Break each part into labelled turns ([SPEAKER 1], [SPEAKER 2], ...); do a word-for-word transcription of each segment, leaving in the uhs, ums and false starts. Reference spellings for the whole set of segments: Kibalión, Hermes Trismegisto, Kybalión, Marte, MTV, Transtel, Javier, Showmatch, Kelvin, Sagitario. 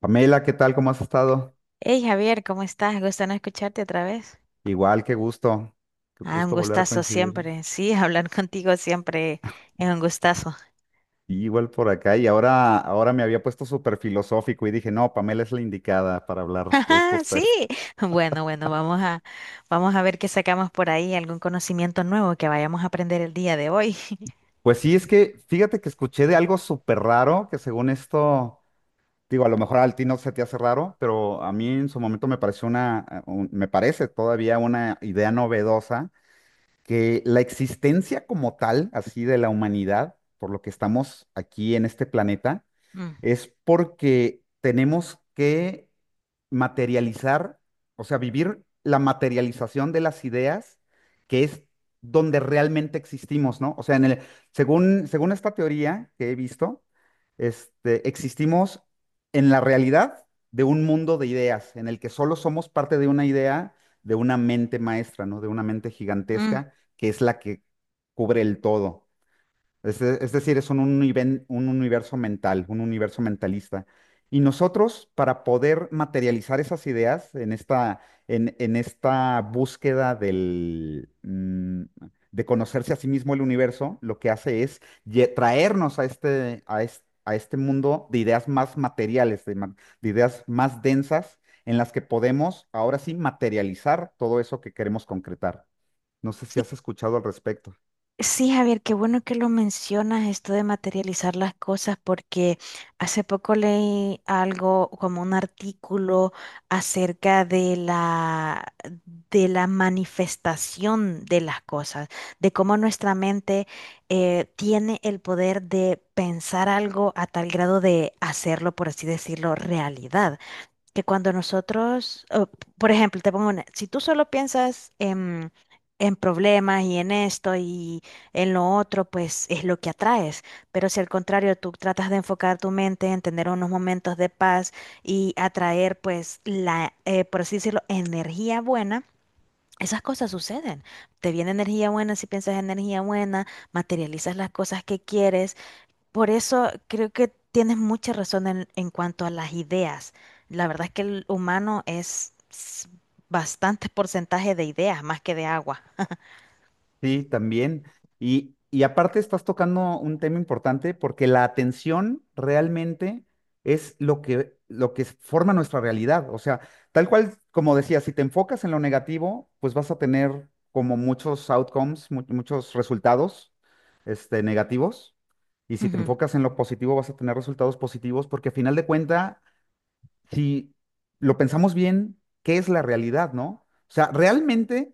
[SPEAKER 1] Pamela, ¿qué tal? ¿Cómo has estado?
[SPEAKER 2] Hey Javier, ¿cómo estás? Gusto no escucharte otra vez.
[SPEAKER 1] Igual, qué gusto, qué
[SPEAKER 2] Ah, un
[SPEAKER 1] gusto volver a
[SPEAKER 2] gustazo
[SPEAKER 1] coincidir. Sí,
[SPEAKER 2] siempre. Sí, hablar contigo siempre es un gustazo.
[SPEAKER 1] igual por acá y ahora, ahora me había puesto súper filosófico y dije, no, Pamela es la indicada para hablar de
[SPEAKER 2] Ajá,
[SPEAKER 1] estos
[SPEAKER 2] sí.
[SPEAKER 1] temas.
[SPEAKER 2] Bueno, bueno, vamos a, vamos a ver qué sacamos por ahí, algún conocimiento nuevo que vayamos a aprender el día de hoy.
[SPEAKER 1] Pues sí, es que fíjate que escuché de algo súper raro que según esto, digo, a lo mejor al ti no se te hace raro, pero a mí en su momento me pareció una, eh, un- me parece todavía una idea novedosa que la existencia como tal, así de la humanidad, por lo que estamos aquí en este planeta
[SPEAKER 2] Mm,
[SPEAKER 1] es porque tenemos que materializar, o sea, vivir la materialización de las ideas, que es donde realmente existimos, ¿no? O sea, en el, según, según esta teoría que he visto, este, existimos en la realidad de un mundo de ideas, en el que solo somos parte de una idea, de una mente maestra, ¿no? De una mente
[SPEAKER 2] mm.
[SPEAKER 1] gigantesca, que es la que cubre el todo. Es, de- es decir, es un, univen- un universo mental, un universo mentalista. Y nosotros, para poder materializar esas ideas en esta, en, en esta búsqueda del, mm, de conocerse a sí mismo el universo, lo que hace es lle- traernos a este, a es- a este mundo de ideas más materiales, de, ma- de ideas más densas, en las que podemos ahora sí materializar todo eso que queremos concretar. No sé si has escuchado al respecto.
[SPEAKER 2] Sí, Javier, qué bueno que lo mencionas, esto de materializar las cosas, porque hace poco leí algo como un artículo acerca de la, de la manifestación de las cosas, de cómo nuestra mente eh, tiene el poder de pensar algo a tal grado de hacerlo, por así decirlo, realidad que cuando nosotros, o, por ejemplo, te pongo una, si tú solo piensas en, en problemas y en esto y en lo otro, pues es lo que atraes. Pero si al contrario tú tratas de enfocar tu mente en tener unos momentos de paz y atraer, pues, la, eh, por así decirlo, energía buena. Esas cosas suceden. Te viene energía buena si piensas energía buena, materializas las cosas que quieres por eso creo que tienes mucha razón en, en cuanto a las ideas. La verdad es que el humano es s- bastante porcentaje de ideas más que de agua.
[SPEAKER 1] Sí, también. Y, y aparte estás tocando un tema importante porque la atención realmente es lo que, lo que forma nuestra realidad. O sea, tal cual, como decía, si te enfocas en lo negativo, pues vas a tener como muchos outcomes, mu- muchos resultados, este, negativos. Y si te
[SPEAKER 2] Ujú.
[SPEAKER 1] enfocas en lo positivo, vas a tener resultados positivos porque a final de cuenta, si lo pensamos bien, ¿qué es la realidad, no? O sea, realmente...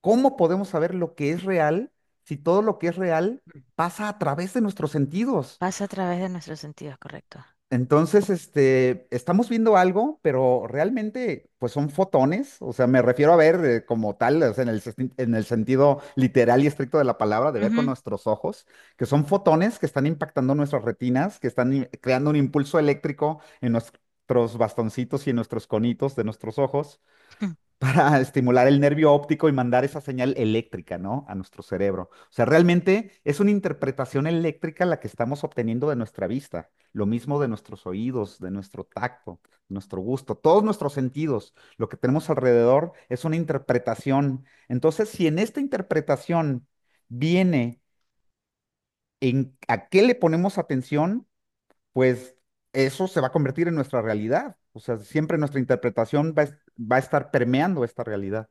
[SPEAKER 1] ¿Cómo podemos saber lo que es real si todo lo que es real pasa a través de nuestros sentidos?
[SPEAKER 2] Pasa a través de nuestros sentidos, correcto.
[SPEAKER 1] Entonces, este, estamos viendo algo, pero realmente, pues son fotones, o sea, me refiero a ver eh, como tal, o sea, en el, sesti- en el sentido literal y estricto de la palabra, de ver con
[SPEAKER 2] Ujú.
[SPEAKER 1] nuestros ojos, que son fotones que están impactando nuestras retinas, que están i- creando un impulso eléctrico en nuestros bastoncitos y en nuestros conitos de nuestros ojos para estimular el nervio óptico y mandar esa señal eléctrica, ¿no? A nuestro cerebro. O sea, realmente es una interpretación eléctrica la que estamos obteniendo de nuestra vista, lo mismo de nuestros oídos, de nuestro tacto, nuestro gusto, todos nuestros sentidos, lo que tenemos alrededor es una interpretación. Entonces, si en esta interpretación viene en a qué le ponemos atención, pues eso se va a convertir en nuestra realidad. O sea, siempre nuestra interpretación va a es- va a estar permeando esta realidad.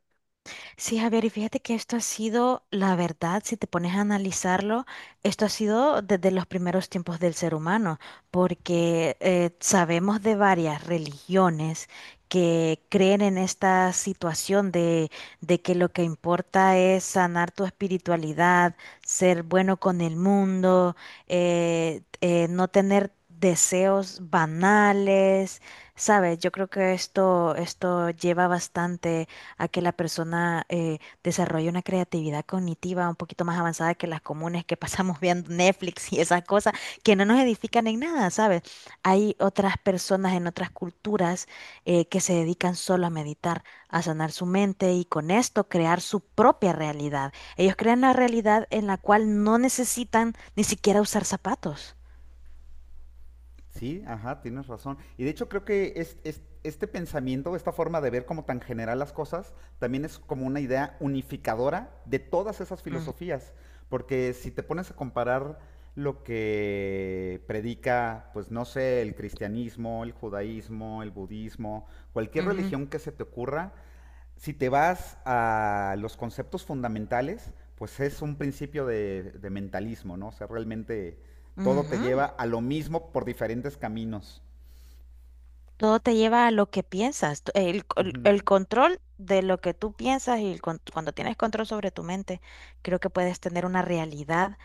[SPEAKER 2] Sí, Javier, y fíjate que esto ha sido, la verdad, si te pones a analizarlo, esto ha sido desde los primeros tiempos del ser humano, porque eh, sabemos de varias religiones que creen en esta situación de, de que lo que importa es sanar tu espiritualidad, ser bueno con el mundo, eh, eh, no tener deseos banales, ¿sabes? Yo creo que esto, esto lleva bastante a que la persona eh, desarrolle una creatividad cognitiva un poquito más avanzada que las comunes que pasamos viendo Netflix y esas cosas que no nos edifican en nada, ¿sabes? Hay otras personas en otras culturas eh, que se dedican solo a meditar, a sanar su mente y con esto crear su propia realidad. Ellos crean la realidad en la cual no necesitan ni siquiera usar zapatos.
[SPEAKER 1] Sí, ajá, tienes razón. Y de hecho creo que es- es- este pensamiento, esta forma de ver como tan general las cosas, también es como una idea unificadora de todas esas
[SPEAKER 2] Mm,
[SPEAKER 1] filosofías. Porque si te pones a comparar lo que predica, pues no sé, el cristianismo, el judaísmo, el budismo, cualquier
[SPEAKER 2] ujú,
[SPEAKER 1] religión que se te ocurra, si te vas a los conceptos fundamentales, pues es un principio de, de mentalismo, ¿no? O sea, realmente todo te
[SPEAKER 2] ujú.
[SPEAKER 1] lleva a lo mismo por diferentes caminos.
[SPEAKER 2] Todo te lleva a lo que piensas, t- el, co-
[SPEAKER 1] Ujú.
[SPEAKER 2] el control de lo que tú piensas y el con- cuando tienes control sobre tu mente, creo que puedes tener una realidad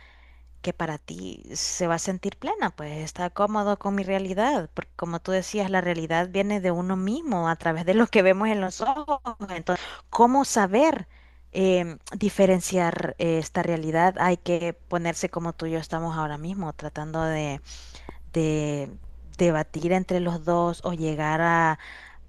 [SPEAKER 2] que para ti se va a sentir plena, pues está cómodo con mi realidad, porque como tú decías, la realidad viene de uno mismo a través de lo que vemos en los ojos. Entonces, ¿cómo saber em, diferenciar eh, esta realidad? Hay que ponerse como tú y yo estamos ahora mismo, tratando de de debatir entre los dos o llegar a,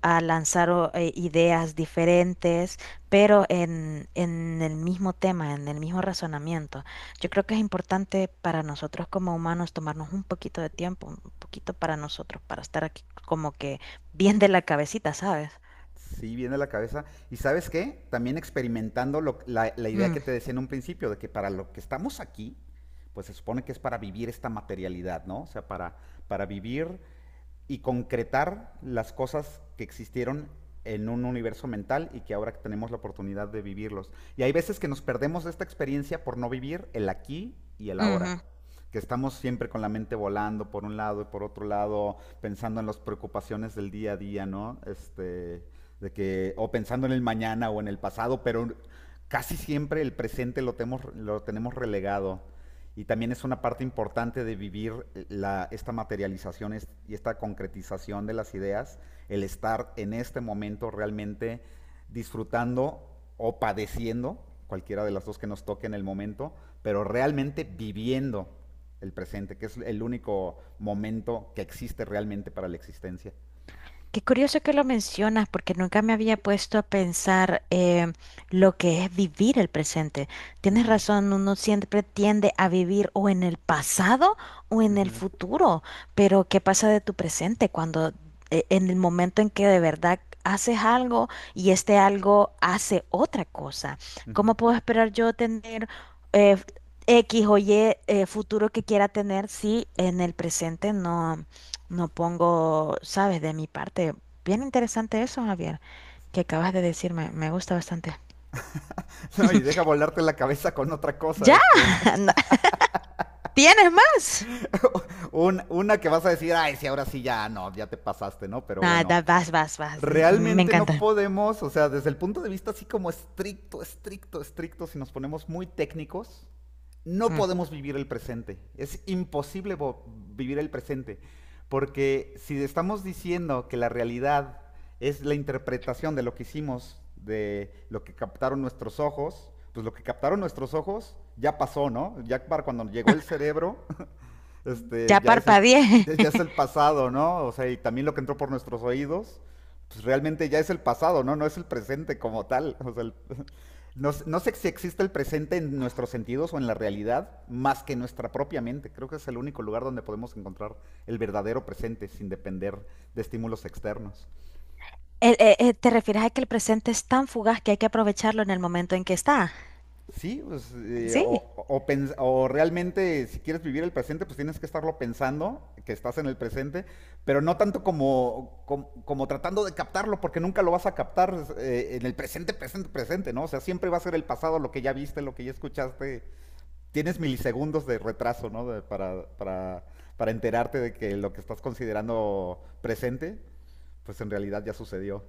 [SPEAKER 2] a lanzar o- eh, ideas diferentes, pero en, en el mismo tema, en el mismo razonamiento. Yo creo que es importante para nosotros como humanos tomarnos un poquito de tiempo, un poquito para nosotros, para estar aquí como que bien de la cabecita, ¿sabes?
[SPEAKER 1] Sí, viene a la cabeza. ¿Y sabes qué? También experimentando lo- la, la idea que
[SPEAKER 2] Mm.
[SPEAKER 1] te decía en un principio, de que para lo que estamos aquí, pues se supone que es para vivir esta materialidad, ¿no? O sea, para, para vivir y concretar las cosas que existieron en un universo mental y que ahora tenemos la oportunidad de vivirlos. Y hay veces que nos perdemos de esta experiencia por no vivir el aquí y el ahora, que estamos siempre con la mente volando por un lado y por otro lado, pensando en las preocupaciones del día a día, ¿no? Este, de que, o pensando en el mañana o en el pasado, pero casi siempre el presente lo tenemos, lo tenemos relegado. Y también es una parte importante de vivir la, esta materialización y esta concretización de las ideas, el estar en este momento realmente disfrutando o padeciendo, cualquiera de las dos que nos toque en el momento, pero realmente viviendo el presente, que es el único momento que existe realmente para la existencia.
[SPEAKER 2] Qué curioso que lo mencionas, porque nunca me había puesto a pensar eh, lo que es vivir el presente. Tienes
[SPEAKER 1] Ujú,
[SPEAKER 2] razón, uno siempre tiende a vivir o en el pasado o en el
[SPEAKER 1] ujú,
[SPEAKER 2] futuro, pero ¿qué pasa de tu presente cuando eh, en el momento en que de verdad haces algo y este algo hace otra cosa?
[SPEAKER 1] ujú.
[SPEAKER 2] ¿Cómo puedo esperar yo tener eh, X o Y eh, futuro que quiera tener si en el presente no? No pongo, sabes, de mi parte. Bien interesante eso, Javier, que acabas de decirme. Me gusta bastante.
[SPEAKER 1] No, y deja volarte la cabeza con otra cosa,
[SPEAKER 2] ¡Ya!
[SPEAKER 1] este.
[SPEAKER 2] No, ¿tienes más?
[SPEAKER 1] Un- una que vas a decir, ay, sí, ahora sí ya, no, ya te pasaste, ¿no? Pero bueno,
[SPEAKER 2] Nada, vas, vas, vas. m- Me
[SPEAKER 1] realmente
[SPEAKER 2] encanta.
[SPEAKER 1] no podemos, o sea, desde el punto de vista así como estricto, estricto, estricto, si nos ponemos muy técnicos, no
[SPEAKER 2] Mm.
[SPEAKER 1] podemos vivir el presente. Es imposible vivir el presente. Porque si estamos diciendo que la realidad es la interpretación de lo que hicimos, de lo que captaron nuestros ojos, pues lo que captaron nuestros ojos ya pasó, ¿no? Ya para cuando llegó el cerebro, este,
[SPEAKER 2] Ya
[SPEAKER 1] ya es el,
[SPEAKER 2] parpadeé.
[SPEAKER 1] ya es el pasado, ¿no? O sea, y también lo que entró por nuestros oídos, pues realmente ya es el pasado, ¿no? No es el presente como tal. O sea, el- no, s- no sé si existe el presente en nuestros sentidos o en la realidad más que nuestra propia mente. Creo que es el único lugar donde podemos encontrar el verdadero presente sin depender de estímulos externos.
[SPEAKER 2] El- eh, eh, ¿te refieres a que el presente es tan fugaz que hay que aprovecharlo en el momento en que está?
[SPEAKER 1] Sí, pues, eh,
[SPEAKER 2] Sí.
[SPEAKER 1] o, o pens- o realmente si quieres vivir el presente, pues tienes que estarlo pensando, que estás en el presente, pero no tanto como, como, como tratando de captarlo, porque nunca lo vas a captar eh, en el presente, presente, presente, ¿no? O sea, siempre va a ser el pasado, lo que ya viste, lo que ya escuchaste. Tienes milisegundos de retraso, ¿no? De- para, para, para enterarte de que lo que estás considerando presente, pues en realidad ya sucedió.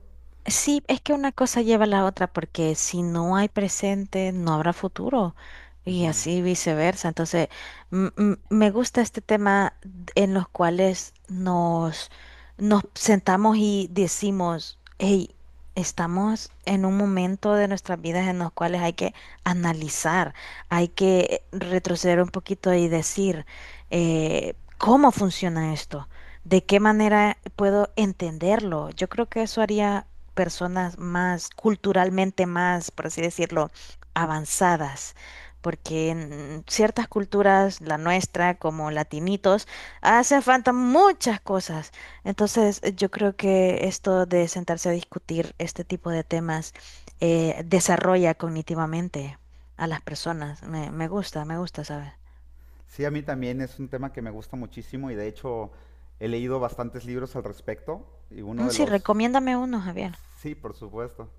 [SPEAKER 2] Sí, es que una cosa lleva a la otra, porque si no hay presente, no habrá futuro y
[SPEAKER 1] Ujú.
[SPEAKER 2] así viceversa. Entonces, m- m- me gusta este tema d- en los cuales nos, nos sentamos y decimos, hey, estamos en un momento de nuestras vidas en los cuales hay que analizar, hay que retroceder un poquito y decir, eh, ¿cómo funciona esto? ¿De qué manera puedo entenderlo? Yo creo que eso haría personas más culturalmente más, por así decirlo, avanzadas, porque en ciertas culturas, la nuestra como latinitos, hacen falta muchas cosas. Entonces, eh, yo creo que esto de sentarse a discutir este tipo de temas eh, desarrolla cognitivamente a las personas. Me, me gusta, me gusta, ¿sabes?
[SPEAKER 1] Sí, a mí también es un tema que me gusta muchísimo y de hecho he leído bastantes libros al respecto y uno
[SPEAKER 2] Mm,
[SPEAKER 1] de
[SPEAKER 2] sí,
[SPEAKER 1] los...
[SPEAKER 2] recomiéndame uno, Javier.
[SPEAKER 1] Sí, por supuesto.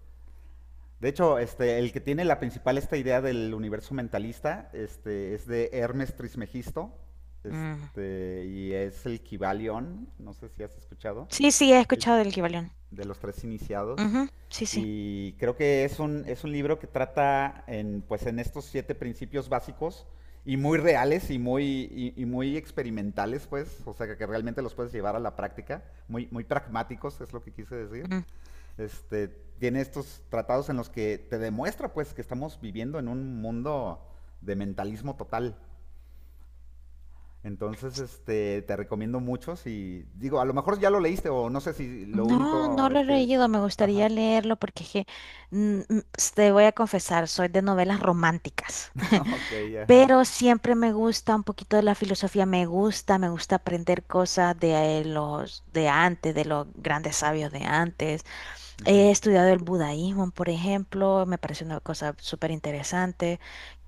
[SPEAKER 1] De hecho, este, el que tiene la principal esta idea del universo mentalista este, es de Hermes Trismegisto
[SPEAKER 2] Mm.
[SPEAKER 1] este, y es el Kybalión, no sé si has escuchado.
[SPEAKER 2] Sí, sí, he
[SPEAKER 1] El-
[SPEAKER 2] escuchado del Kibalión.
[SPEAKER 1] de los tres iniciados.
[SPEAKER 2] Ujú, sí, sí.
[SPEAKER 1] Y creo que es un, es un libro que trata en, pues, en estos siete principios básicos y muy reales y muy, y, y muy experimentales, pues, o sea, que, que, realmente los puedes llevar a la práctica, muy, muy pragmáticos, es lo que quise decir.
[SPEAKER 2] Mm.
[SPEAKER 1] Este, tiene estos tratados en los que te demuestra, pues, que estamos viviendo en un mundo de mentalismo total. Entonces, este, te recomiendo mucho y digo, a lo mejor ya lo leíste o no sé si lo
[SPEAKER 2] No, no
[SPEAKER 1] único es
[SPEAKER 2] lo he
[SPEAKER 1] que...
[SPEAKER 2] leído, me
[SPEAKER 1] Ajá.
[SPEAKER 2] gustaría leerlo porque es que, mm, mm, te voy a confesar, soy de novelas románticas,
[SPEAKER 1] Ok, ajá.
[SPEAKER 2] pero siempre me gusta un poquito de la filosofía, me gusta, me gusta aprender cosas de eh, los de antes, de los grandes sabios de antes. He
[SPEAKER 1] Ujú.
[SPEAKER 2] estudiado el budaísmo, por ejemplo, me parece una cosa súper interesante.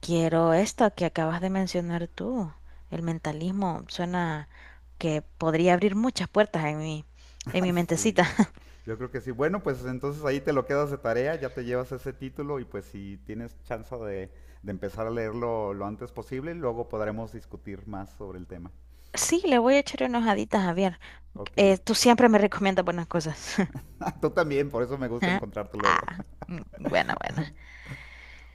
[SPEAKER 2] Quiero esto que acabas de mencionar tú, el mentalismo, suena que podría abrir muchas puertas en mi, en mi
[SPEAKER 1] Sí,
[SPEAKER 2] mentecita.
[SPEAKER 1] yo creo que sí. Bueno, pues entonces ahí te lo quedas de tarea, ya te llevas ese título y pues si tienes chance de, de empezar a leerlo lo antes posible, luego podremos discutir más sobre el tema.
[SPEAKER 2] Sí, le voy a echar unas haditas a ver.
[SPEAKER 1] Ok.
[SPEAKER 2] Eh, tú siempre me recomiendas buenas cosas.
[SPEAKER 1] Tú también, por eso me gusta
[SPEAKER 2] Ah,
[SPEAKER 1] encontrarte luego.
[SPEAKER 2] ah, mm, bueno, bueno.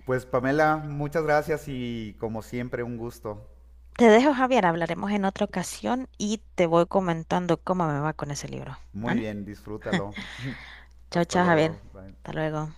[SPEAKER 1] Pues Pamela, muchas gracias y como siempre un gusto.
[SPEAKER 2] Te dejo, Javier. Hablaremos en otra ocasión y te voy comentando cómo me va con ese libro.
[SPEAKER 1] Muy
[SPEAKER 2] Bueno,
[SPEAKER 1] bien, disfrútalo.
[SPEAKER 2] chao,
[SPEAKER 1] Hasta
[SPEAKER 2] chao, Javier.
[SPEAKER 1] luego. Bye.
[SPEAKER 2] Hasta luego.